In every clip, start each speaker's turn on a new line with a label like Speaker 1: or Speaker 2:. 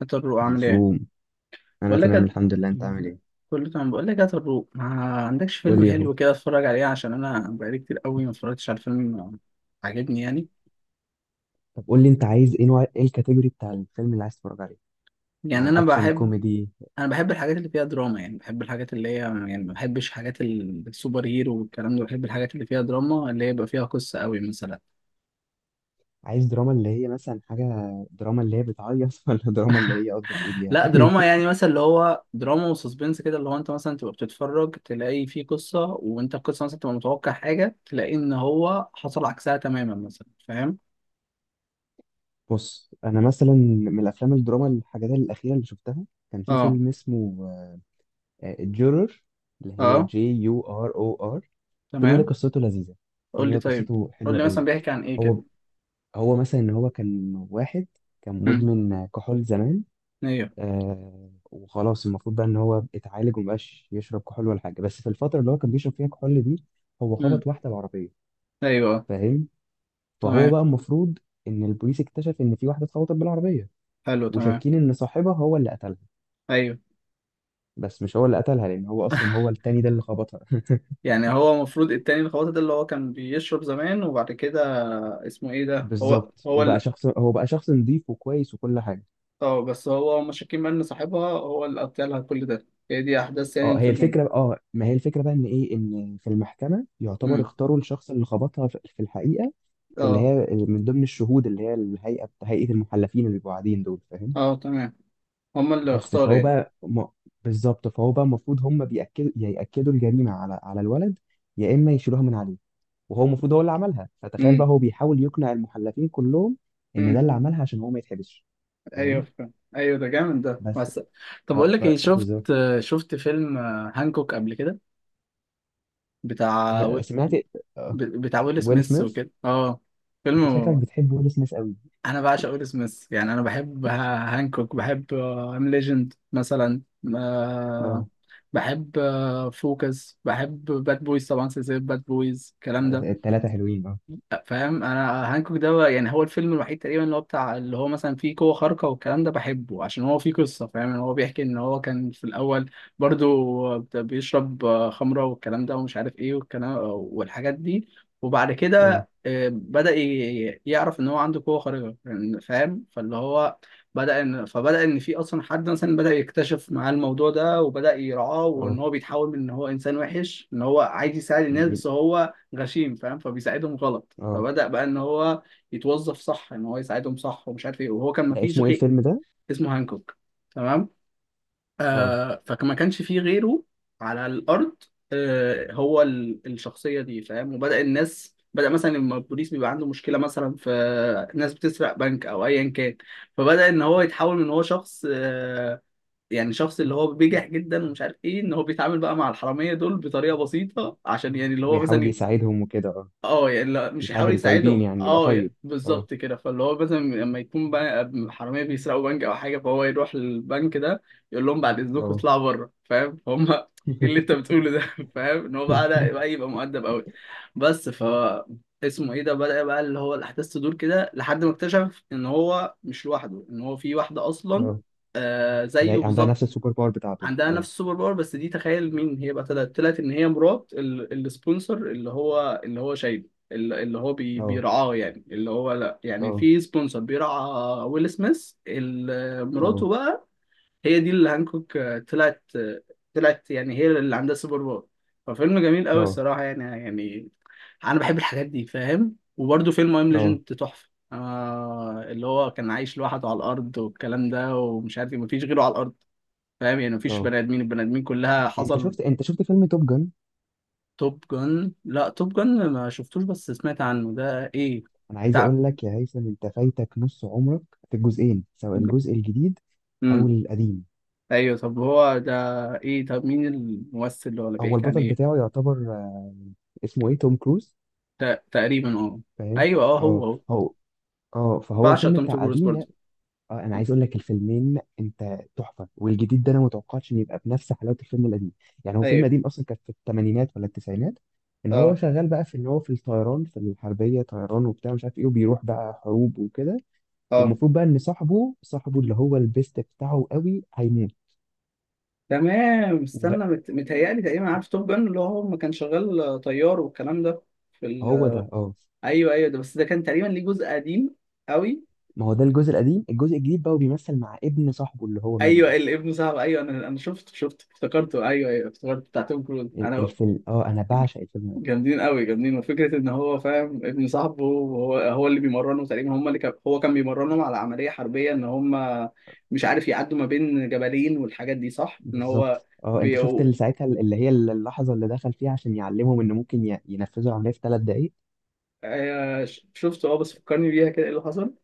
Speaker 1: هات الروق عامل ايه؟
Speaker 2: هيسوم، انا
Speaker 1: بقول لك
Speaker 2: تمام
Speaker 1: هت-
Speaker 2: الحمد لله، انت عامل ايه؟
Speaker 1: كله تمام، بقول لك هات الروق. ما عندكش
Speaker 2: قول
Speaker 1: فيلم
Speaker 2: لي يا حبي.
Speaker 1: حلو كده اتفرج عليه؟ عشان انا بقالي كتير قوي ما اتفرجتش على فيلم عاجبني يعني.
Speaker 2: طب قول لي انت عايز ايه، نوع ايه الكاتيجوري بتاع الفيلم اللي عايز تتفرج عليه؟
Speaker 1: يعني
Speaker 2: يعني
Speaker 1: انا
Speaker 2: اكشن
Speaker 1: بحب
Speaker 2: كوميدي؟
Speaker 1: انا بحب الحاجات اللي فيها دراما، يعني بحب الحاجات اللي هي، يعني ما بحبش حاجات السوبر هيرو والكلام ده، بحب الحاجات اللي فيها دراما اللي هي يبقى فيها قصة قوي مثلا.
Speaker 2: عايز دراما اللي هي مثلا حاجه، دراما اللي هي بتعيط ولا دراما اللي هي قصدك ايه بيها؟
Speaker 1: لا دراما يعني مثلا اللي هو دراما وسسبنس كده، اللي هو انت مثلا تبقى بتتفرج تلاقي فيه قصة، وانت القصة مثلا تبقى متوقع حاجة تلاقي ان هو حصل عكسها تماما مثلا، فاهم؟
Speaker 2: بص انا مثلا من الافلام الدراما الحاجات الاخيره اللي شفتها، كان في
Speaker 1: اه.
Speaker 2: فيلم اسمه جورر، اللي هي
Speaker 1: اه
Speaker 2: جي يو ار او ار. الفيلم ده
Speaker 1: تمام.
Speaker 2: قصته لذيذه،
Speaker 1: قول
Speaker 2: الفيلم
Speaker 1: لي
Speaker 2: ده
Speaker 1: طيب،
Speaker 2: قصته
Speaker 1: قول
Speaker 2: حلوه
Speaker 1: لي مثلا
Speaker 2: قوي.
Speaker 1: بيحكي عن ايه كده.
Speaker 2: هو هو مثلا ان هو كان واحد، كان
Speaker 1: امم،
Speaker 2: مدمن كحول زمان.
Speaker 1: ايوه.
Speaker 2: آه، وخلاص المفروض بقى ان هو اتعالج ومبقاش يشرب كحول ولا حاجه، بس في الفتره اللي هو كان بيشرب فيها كحول دي، هو
Speaker 1: امم،
Speaker 2: خبط واحده بالعربيه.
Speaker 1: ايوه آه.
Speaker 2: فاهم؟ فهو
Speaker 1: تمام.
Speaker 2: بقى المفروض ان البوليس اكتشف ان في واحده اتخبطت بالعربيه،
Speaker 1: حلو تمام.
Speaker 2: وشاكين ان صاحبها هو اللي قتلها،
Speaker 1: ايوه.
Speaker 2: بس مش هو اللي قتلها لان هو اصلا هو التاني ده اللي خبطها.
Speaker 1: يعني هو المفروض التاني الخواطر ده اللي هو كان بيشرب زمان وبعد كده اسمه ايه ده، هو
Speaker 2: بالظبط،
Speaker 1: هو
Speaker 2: وبقى
Speaker 1: اللي.
Speaker 2: شخص، هو بقى شخص نظيف وكويس وكل حاجه.
Speaker 1: اه، بس هو هما شاكين بقى ان صاحبها هو اللي قتلها لها، كل ده هي دي احداث يعني
Speaker 2: اه هي
Speaker 1: الفيلم؟
Speaker 2: الفكره، اه ما هي الفكره بقى ان ايه، ان في المحكمه يعتبر
Speaker 1: امم،
Speaker 2: اختاروا الشخص اللي خبطها في الحقيقه، اللي
Speaker 1: اه.
Speaker 2: هي من ضمن الشهود، اللي هي الهيئه، هيئه المحلفين اللي بيبقوا قاعدين دول. فاهم؟
Speaker 1: اه تمام، هما اللي
Speaker 2: بس
Speaker 1: اختاروا
Speaker 2: فهو
Speaker 1: يعني.
Speaker 2: بقى م... بالظبط، فهو بقى المفروض هم بيأكدوا، يأكدوا الجريمه على الولد، يا اما يشيلوها من عليه، وهو المفروض هو اللي عملها. فتخيل بقى
Speaker 1: امم.
Speaker 2: هو بيحاول يقنع المحلفين كلهم ان ده
Speaker 1: امم.
Speaker 2: اللي عملها عشان هو ما يتحبسش.
Speaker 1: ايوه
Speaker 2: فاهم؟
Speaker 1: فاهم. ايوه ده جامد ده
Speaker 2: بس
Speaker 1: بس. طب
Speaker 2: اه،
Speaker 1: اقول لك ايه،
Speaker 2: فبالظبط.
Speaker 1: شفت فيلم هانكوك قبل كده؟ بتاع و...
Speaker 2: انا سمعت آه.
Speaker 1: بتاع ويل
Speaker 2: ويل
Speaker 1: سميث
Speaker 2: سميث.
Speaker 1: وكده، اه
Speaker 2: انت شكلك
Speaker 1: فيلم.
Speaker 2: بتحب ويل سميث قوي.
Speaker 1: انا بعشق ويل سميث يعني، هانكوك، بحب ام ليجند مثلا، آه،
Speaker 2: اه،
Speaker 1: بحب، فوكس، بحب باد بويز طبعا، سلسلة باد بويز الكلام ده.
Speaker 2: الثلاثه حلوين اه.
Speaker 1: فاهم، انا هانكوك ده يعني هو الفيلم الوحيد تقريبا اللي هو بتاع، اللي هو مثلا فيه قوة خارقة والكلام ده، بحبه عشان هو فيه قصة. فاهم ان هو بيحكي ان هو كان في الاول برضو بيشرب خمرة والكلام ده ومش عارف ايه والكلام والحاجات دي، وبعد
Speaker 2: اه
Speaker 1: كده بدأ يعرف ان هو عنده قوة خارقة يعني. فاهم، فاللي هو بدأ ان فبدأ ان في اصلا حد مثلا بدأ يكتشف معاه الموضوع ده وبدأ يرعاه، وان
Speaker 2: اه
Speaker 1: هو بيتحول من ان هو انسان وحش ان هو عايز يساعد الناس، بس هو غشيم فاهم، فبيساعدهم غلط،
Speaker 2: اه
Speaker 1: فبدأ بقى ان هو يتوظف صح ان هو يساعدهم صح ومش عارف ايه، وهو كان
Speaker 2: ده
Speaker 1: مفيش
Speaker 2: اسمه ايه
Speaker 1: غير.
Speaker 2: الفيلم ده؟
Speaker 1: اسمه هانكوك. تمام.
Speaker 2: اه،
Speaker 1: آه فما كانش فيه غيره على الارض، آه هو الشخصية دي فاهم. وبدأ الناس بدأ مثلا لما البوليس بيبقى عنده مشكلة مثلا في ناس بتسرق بنك او ايا كان، فبدأ ان هو يتحول من هو شخص آه يعني شخص اللي هو بيجح جدا ومش عارف ايه، ان هو بيتعامل بقى مع الحراميه دول بطريقه بسيطه عشان يعني اللي هو
Speaker 2: ويحاول
Speaker 1: مثلا.
Speaker 2: يساعدهم وكده اه.
Speaker 1: اه يعني مش
Speaker 2: يساعد
Speaker 1: يحاول
Speaker 2: الطيبين
Speaker 1: يساعدهم،
Speaker 2: يعني يبقى
Speaker 1: اه
Speaker 2: طيب.
Speaker 1: يعني
Speaker 2: اه
Speaker 1: بالظبط كده. فاللي هو مثلا لما يكون بقى حراميه بيسرقوا بنك او حاجه، فهو يروح للبنك ده يقول لهم بعد اذنكم
Speaker 2: اه
Speaker 1: اطلعوا بره، فاهم؟ فهم ايه اللي انت بتقوله ده؟ فاهم، ان هو بقى ده بقى يبقى مؤدب قوي. بس ف اسمه ايه ده، بدأ بقى اللي هو الاحداث تدور كده لحد ما اكتشف ان هو مش لوحده، ان هو في واحده اصلا
Speaker 2: اه.
Speaker 1: آه زيه
Speaker 2: زي، عندها
Speaker 1: بالظبط.
Speaker 2: نفس السوبر باور بتاعته
Speaker 1: عندها
Speaker 2: اه
Speaker 1: نفس السوبر باور، بس دي تخيل مين هي بقى، طلعت ان هي مرات السبونسر اللي هو، اللي هو شايله اللي هو
Speaker 2: اه
Speaker 1: بيرعاه، يعني اللي هو لا يعني
Speaker 2: اه
Speaker 1: في سبونسر بيرعى ويل سميث، مراته
Speaker 2: اه
Speaker 1: بقى هي دي اللي هانكوك طلعت يعني، هي اللي عندها سوبر باور. ففيلم جميل قوي
Speaker 2: اه
Speaker 1: الصراحة يعني، يعني انا بحب الحاجات دي فاهم. وبرده فيلم ام
Speaker 2: اه
Speaker 1: ليجند تحفة، آه اللي هو كان عايش لوحده على الارض والكلام ده ومش عارف مفيش غيره على الارض، فاهم يعني مفيش
Speaker 2: اه.
Speaker 1: بني ادمين، البني ادمين كلها
Speaker 2: انت
Speaker 1: حصل.
Speaker 2: شفت، انت شفت فيلم توب جن؟
Speaker 1: توب جن، لا توب جن ما شفتوش بس سمعت عنه، ده ايه،
Speaker 2: انا عايز
Speaker 1: بتاع؟
Speaker 2: اقول لك يا هيثم، انت فايتك نص عمرك. في الجزئين، سواء الجزء الجديد او
Speaker 1: امم.
Speaker 2: القديم.
Speaker 1: ايوه طب هو ده ايه، طب مين الممثل اللي هو، اللي
Speaker 2: هو
Speaker 1: بيحكي عن
Speaker 2: البطل
Speaker 1: ايه؟
Speaker 2: بتاعه يعتبر آه، اسمه ايه، توم كروز.
Speaker 1: تقريبا اه.
Speaker 2: فاهم؟
Speaker 1: ايوه اه، هو
Speaker 2: اه
Speaker 1: هو.
Speaker 2: هو. اه، فهو
Speaker 1: بعشق
Speaker 2: الفيلم
Speaker 1: توم
Speaker 2: بتاع
Speaker 1: كروز
Speaker 2: قديم
Speaker 1: برضه.
Speaker 2: يعني. اه، انا عايز اقول لك، الفيلمين انت تحفه، والجديد ده انا ما توقعتش ان يبقى بنفس حلاوه الفيلم القديم. يعني هو فيلم
Speaker 1: ايوه
Speaker 2: قديم اصلا، كان في الثمانينات ولا التسعينات. ان هو
Speaker 1: اه.
Speaker 2: شغال بقى في، ان هو في الطيران، في الحربيه طيران وبتاع مش عارف ايه، وبيروح بقى حروب وكده.
Speaker 1: اه
Speaker 2: والمفروض بقى ان صاحبه، صاحبه اللي هو البيست بتاعه قوي، هيموت.
Speaker 1: تمام.
Speaker 2: وغ-
Speaker 1: متهيألي تقريبا عارف توب جن اللي هو ما كان شغال طيار والكلام ده في
Speaker 2: هو ده اه.
Speaker 1: ايوه ايوه ده، بس ده كان تقريبا ليه جزء قديم قوي.
Speaker 2: ما هو ده الجزء القديم، الجزء الجديد بقى وبيمثل مع ابن صاحبه اللي هو مات
Speaker 1: ايوه
Speaker 2: ده.
Speaker 1: الابن صعب، ايوه انا شفته افتكرته، ايوه ايوه افتكرته بتاع توم كروز
Speaker 2: ال-
Speaker 1: انا.
Speaker 2: الفيلم اه، انا بعشق الفيلم.
Speaker 1: جامدين قوي جامدين، وفكره ان هو فاهم ابن صاحبه وهو هو اللي بيمرنه تقريبا، هم اللي كان هو كان بيمرنهم على عمليه حربيه ان هم مش عارف يعدوا ما بين جبلين والحاجات دي، صح ان هو.
Speaker 2: بالظبط اه. انت شفت
Speaker 1: بيو...
Speaker 2: اللي ساعتها، اللي هي اللحظه اللي دخل فيها عشان يعلمهم ان ممكن ي- ينفذوا العمليه في ثلاث دقائق؟
Speaker 1: شفته اه، بس فكرني بيها كده ايه اللي حصل.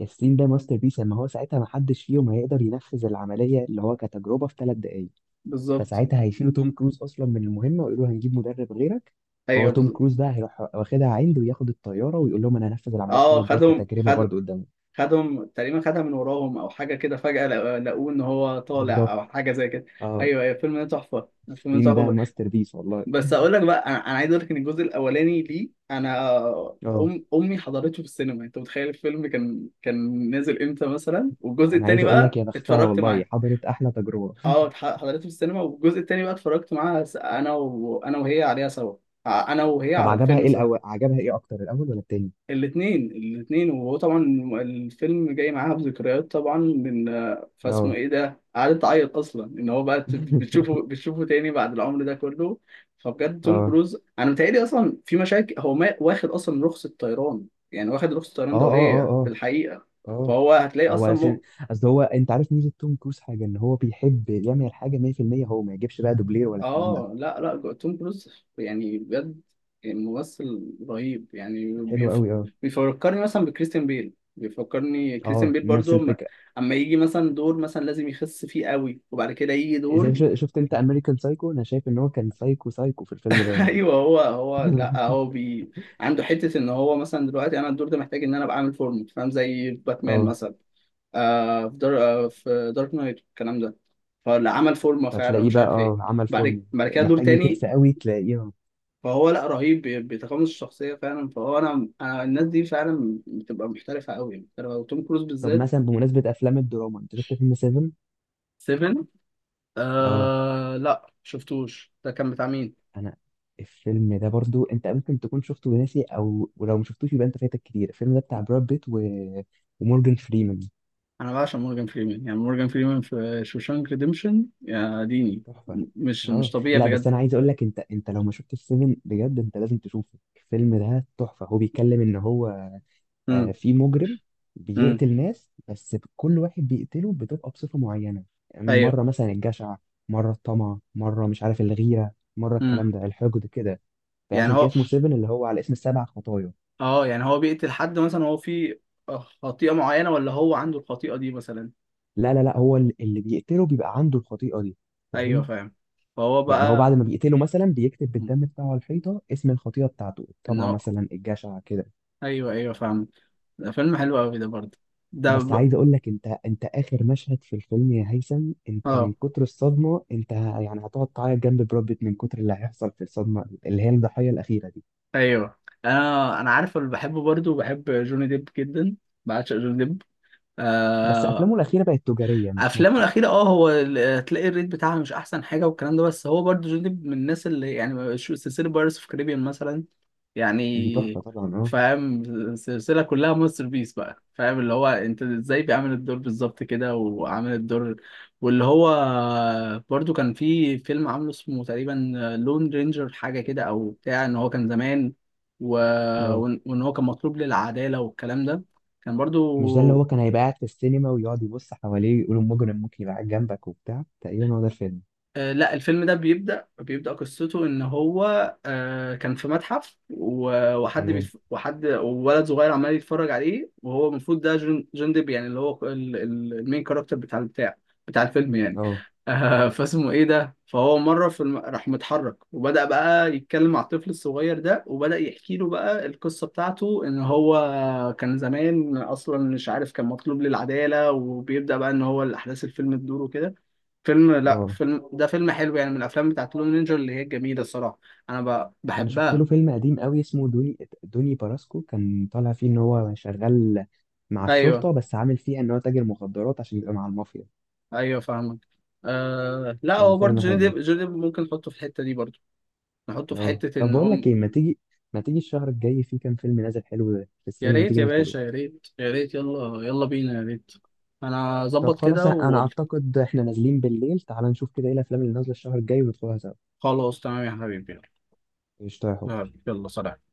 Speaker 2: ياسين ده ماستر بيس. اما هو ساعتها ما حدش فيهم هيقدر ينفذ العمليه اللي هو كتجربه في ثلاث دقائق،
Speaker 1: بالظبط.
Speaker 2: فساعتها هيشيلوا توم كروز اصلا من المهمه ويقولوا هنجيب مدرب غيرك. فهو
Speaker 1: ايوه
Speaker 2: توم
Speaker 1: بالظبط.
Speaker 2: كروز بقى هيروح واخدها عند وياخد الطياره ويقول لهم انا هنفذ العمليه في
Speaker 1: اه
Speaker 2: ثلاث دقائق
Speaker 1: خدهم
Speaker 2: كتجربه
Speaker 1: خد
Speaker 2: برضو قدامهم.
Speaker 1: خدهم تقريبا خدها من وراهم او حاجه كده، فجاه لقوه ان هو طالع
Speaker 2: بالظبط
Speaker 1: او حاجه زي كده.
Speaker 2: اه.
Speaker 1: ايوه ايوه الفيلم ده تحفه، الفيلم ده
Speaker 2: ياسين ده
Speaker 1: تحفه.
Speaker 2: ماستر بيس والله.
Speaker 1: بس اقول لك بقى، أنا عايز اقول لك ان الجزء الاولاني ليه،
Speaker 2: اه،
Speaker 1: امي حضرته في السينما انت متخيل الفيلم كان نازل امتى مثلا، والجزء
Speaker 2: انا
Speaker 1: التاني
Speaker 2: عايز اقول لك
Speaker 1: بقى
Speaker 2: يا بختها
Speaker 1: اتفرجت
Speaker 2: والله،
Speaker 1: معاه.
Speaker 2: حضرت احلى تجربه.
Speaker 1: اه حضرته في السينما، والجزء التاني بقى اتفرجت معاها، س- انا وانا وهي عليها سوا، انا وهي
Speaker 2: طب
Speaker 1: على
Speaker 2: عجبها
Speaker 1: الفيلم
Speaker 2: ايه
Speaker 1: سوا.
Speaker 2: الاول، عجبها ايه اكتر، الاول ولا التاني؟
Speaker 1: الاثنين الاثنين، وهو طبعا الفيلم جاي معاها بذكريات طبعا من، فاسمه
Speaker 2: اه
Speaker 1: ايه ده، قعدت تعيط اصلا ان هو بقى بتشوفه تاني بعد العمر ده كله. فبجد توم
Speaker 2: اه
Speaker 1: كروز انا متهيألي اصلا في مشاكل، هو ما واخد اصلا رخصة طيران يعني، واخد رخصة
Speaker 2: اه
Speaker 1: طيران
Speaker 2: اه
Speaker 1: دولية في
Speaker 2: اه
Speaker 1: الحقيقة.
Speaker 2: اه اه.
Speaker 1: فهو هتلاقي
Speaker 2: هو
Speaker 1: اصلا.
Speaker 2: عشان، اصل هو، انت عارف ميزه توم كروز حاجه، ان هو بيحب يعمل الحاجه 100%، هو ما يجيبش بقى دوبلير ولا الكلام ده.
Speaker 1: اه لا لا، توم كروز يعني بجد ممثل رهيب يعني
Speaker 2: حلو قوي اه.
Speaker 1: بيفكرني مثلا بكريستيان بيل، بيفكرني كريستيان
Speaker 2: اه،
Speaker 1: بيل
Speaker 2: نفس
Speaker 1: برضو اما
Speaker 2: الفكره.
Speaker 1: أما يجي مثلا دور مثلا لازم يخس فيه قوي، وبعد كده يجي
Speaker 2: زي
Speaker 1: دور
Speaker 2: شو- شفت انت امريكان سايكو، انا شايف ان هو كان سايكو سايكو في الفيلم ده يعني.
Speaker 1: ايوه هو هو، لا عنده حتة ان هو مثلا دلوقتي انا الدور ده محتاج ان انا ابقى عامل فورمه، فاهم زي باتمان
Speaker 2: اه.
Speaker 1: مثلا آه في دار... آه في دارك نايت الكلام ده، فاللي عمل فورمه فعلا
Speaker 2: فتلاقيه
Speaker 1: مش
Speaker 2: بقى
Speaker 1: عارف ايه،
Speaker 2: اه عمل
Speaker 1: بعد
Speaker 2: فورمه،
Speaker 1: بعد كده دور
Speaker 2: محتاج
Speaker 1: تاني.
Speaker 2: يخس قوي تلاقيه آه.
Speaker 1: فهو لا رهيب بيتقمص الشخصيه فعلا، فهو انا انا الناس دي فعلا بتبقى محترفه قوي محترفه، وتوم كروز
Speaker 2: طب
Speaker 1: بالذات.
Speaker 2: مثلا بمناسبه افلام الدراما، انت شفت فيلم 7؟
Speaker 1: 7،
Speaker 2: اه
Speaker 1: آه لا شفتوش، ده كان بتاع مين؟
Speaker 2: انا، الفيلم ده برضو انت ممكن تكون شفته وناسي، او ولو ما شفتوش يبقى انت فايتك كتير. الفيلم ده بتاع براد بيت و... ومورجان فريمان.
Speaker 1: انا بعشق مورجان فريمان يعني، مورجان فريمان في شوشانك ريديمشن يا ديني،
Speaker 2: تحفه اه.
Speaker 1: مش طبيعي
Speaker 2: لا بس
Speaker 1: بجد.
Speaker 2: انا عايز اقول لك، انت لو ما شفتش سيفن بجد انت لازم تشوفه، الفيلم ده تحفه. هو بيتكلم ان هو
Speaker 1: امم.
Speaker 2: آه في مجرم
Speaker 1: امم.
Speaker 2: بيقتل ناس، بس كل واحد بيقتله بتبقى بصفه معينه.
Speaker 1: ايوه.
Speaker 2: مره مثلا الجشع، مره الطمع، مره مش عارف الغيره، مره
Speaker 1: امم.
Speaker 2: الكلام ده الحقد كده.
Speaker 1: يعني
Speaker 2: فعشان كده
Speaker 1: هو،
Speaker 2: اسمه سيفن، اللي هو على اسم السبع خطايا.
Speaker 1: اه يعني هو بيقتل حد مثلا هو في خطيئه معينه، ولا هو عنده الخطيئه دي مثلا؟
Speaker 2: لا هو ال- اللي بيقتله بيبقى عنده الخطيئة دي.
Speaker 1: ايوه
Speaker 2: فاهم؟
Speaker 1: فاهم. فهو
Speaker 2: يعني هو بعد
Speaker 1: بقى.
Speaker 2: ما بيقتله مثلا بيكتب
Speaker 1: مم.
Speaker 2: بالدم بتاعه على الحيطة اسم الخطيئة بتاعته،
Speaker 1: ان
Speaker 2: الطمع
Speaker 1: هو،
Speaker 2: مثلا، الجشع كده.
Speaker 1: ايوه ايوه فاهم، ده فيلم حلو قوي ده برضه. ده
Speaker 2: بس عايز
Speaker 1: ب...
Speaker 2: اقول لك، انت اخر مشهد في الفيلم يا هيثم، انت من
Speaker 1: اه
Speaker 2: كتر الصدمة انت ه- يعني هتقعد تعيط جنب براد بيت من كتر اللي هيحصل في الصدمة اللي هي الضحية الأخيرة دي.
Speaker 1: ايوه، انا عارف اللي بحبه برضه، بحب جوني ديب جدا، بعشق جوني ديب.
Speaker 2: بس
Speaker 1: آه...
Speaker 2: افلامه الأخيرة بقت تجارية مش
Speaker 1: افلامه
Speaker 2: ناجحة.
Speaker 1: الاخيره اه، تلاقي الريت بتاعها مش احسن حاجه والكلام ده، بس هو برضه جوني ديب من الناس اللي يعني سلسله بايرتس اوف كاريبيان مثلا
Speaker 2: دي تحفة
Speaker 1: يعني،
Speaker 2: طبعا اه.
Speaker 1: فاهم السلسلة كلها ماستر بيس بقى. فاهم اللي هو انت ازاي بيعمل الدور بالظبط كده وعامل الدور، واللي هو برضو كان في فيلم عامله اسمه تقريبا لون رينجر حاجة كده، او بتاع ان هو كان زمان و...
Speaker 2: اه،
Speaker 1: وإن هو كان مطلوب للعدالة والكلام ده، كان
Speaker 2: مش ده اللي
Speaker 1: برضو
Speaker 2: هو كان هيبقى قاعد في السينما ويقعد يبص حواليه ويقول المجرم ممكن يبقى قاعد جنبك وبتاع، تقريبا هو ده الفيلم؟
Speaker 1: آه، لا الفيلم ده بيبدأ قصته إن هو آه، كان في متحف
Speaker 2: تمام
Speaker 1: وحد وولد صغير عمال يتفرج عليه، وهو المفروض ده جون ديب يعني اللي هو، المين كاركتر بتاع البتاع، بتاع الفيلم يعني.
Speaker 2: اه
Speaker 1: آه، فاسمه إيه ده؟ فهو مرة راح متحرك وبدأ بقى يتكلم مع الطفل الصغير ده، وبدأ يحكي له بقى القصة بتاعته إن هو كان زمان أصلا مش عارف كان مطلوب للعدالة، وبيبدأ بقى إن هو الأحداث الفيلم تدور وكده. فيلم، لا
Speaker 2: اه.
Speaker 1: فيلم ده فيلم حلو يعني، من الافلام بتاعت لون نينجا اللي هي جميله الصراحه، انا
Speaker 2: انا شفت له
Speaker 1: بحبها.
Speaker 2: فيلم قديم قوي اسمه دوني، دوني باراسكو، كان طالع فيه ان هو شغال مع
Speaker 1: ايوه
Speaker 2: الشرطه بس عامل فيها ان هو تاجر مخدرات عشان يبقى مع المافيا.
Speaker 1: ايوه فاهمك. آه... لا هو برضه
Speaker 2: ففيلم
Speaker 1: جوني
Speaker 2: حلو
Speaker 1: ديب، جوني ديب ممكن نحطه في الحته دي برضه، نحطه في
Speaker 2: اه.
Speaker 1: حته
Speaker 2: طب
Speaker 1: ان
Speaker 2: بقول لك
Speaker 1: هم.
Speaker 2: ايه، ما تيجي، ما تيجي الشهر الجاي في كام فيلم نازل حلو في
Speaker 1: يا
Speaker 2: السينما، ما
Speaker 1: ريت
Speaker 2: تيجي
Speaker 1: يا
Speaker 2: ندخله؟
Speaker 1: باشا، يا ريت يا ريت، يلا يلا بينا، يا ريت انا
Speaker 2: طب
Speaker 1: اظبط
Speaker 2: خلاص،
Speaker 1: كده
Speaker 2: انا
Speaker 1: وقول.
Speaker 2: اعتقد احنا نازلين بالليل، تعال نشوف كده ايه الافلام اللي نازله الشهر الجاي وندخلها سوا.
Speaker 1: خلاص تمام يا حبيبي.
Speaker 2: قشطة يا حب.
Speaker 1: يلا يلا سلام.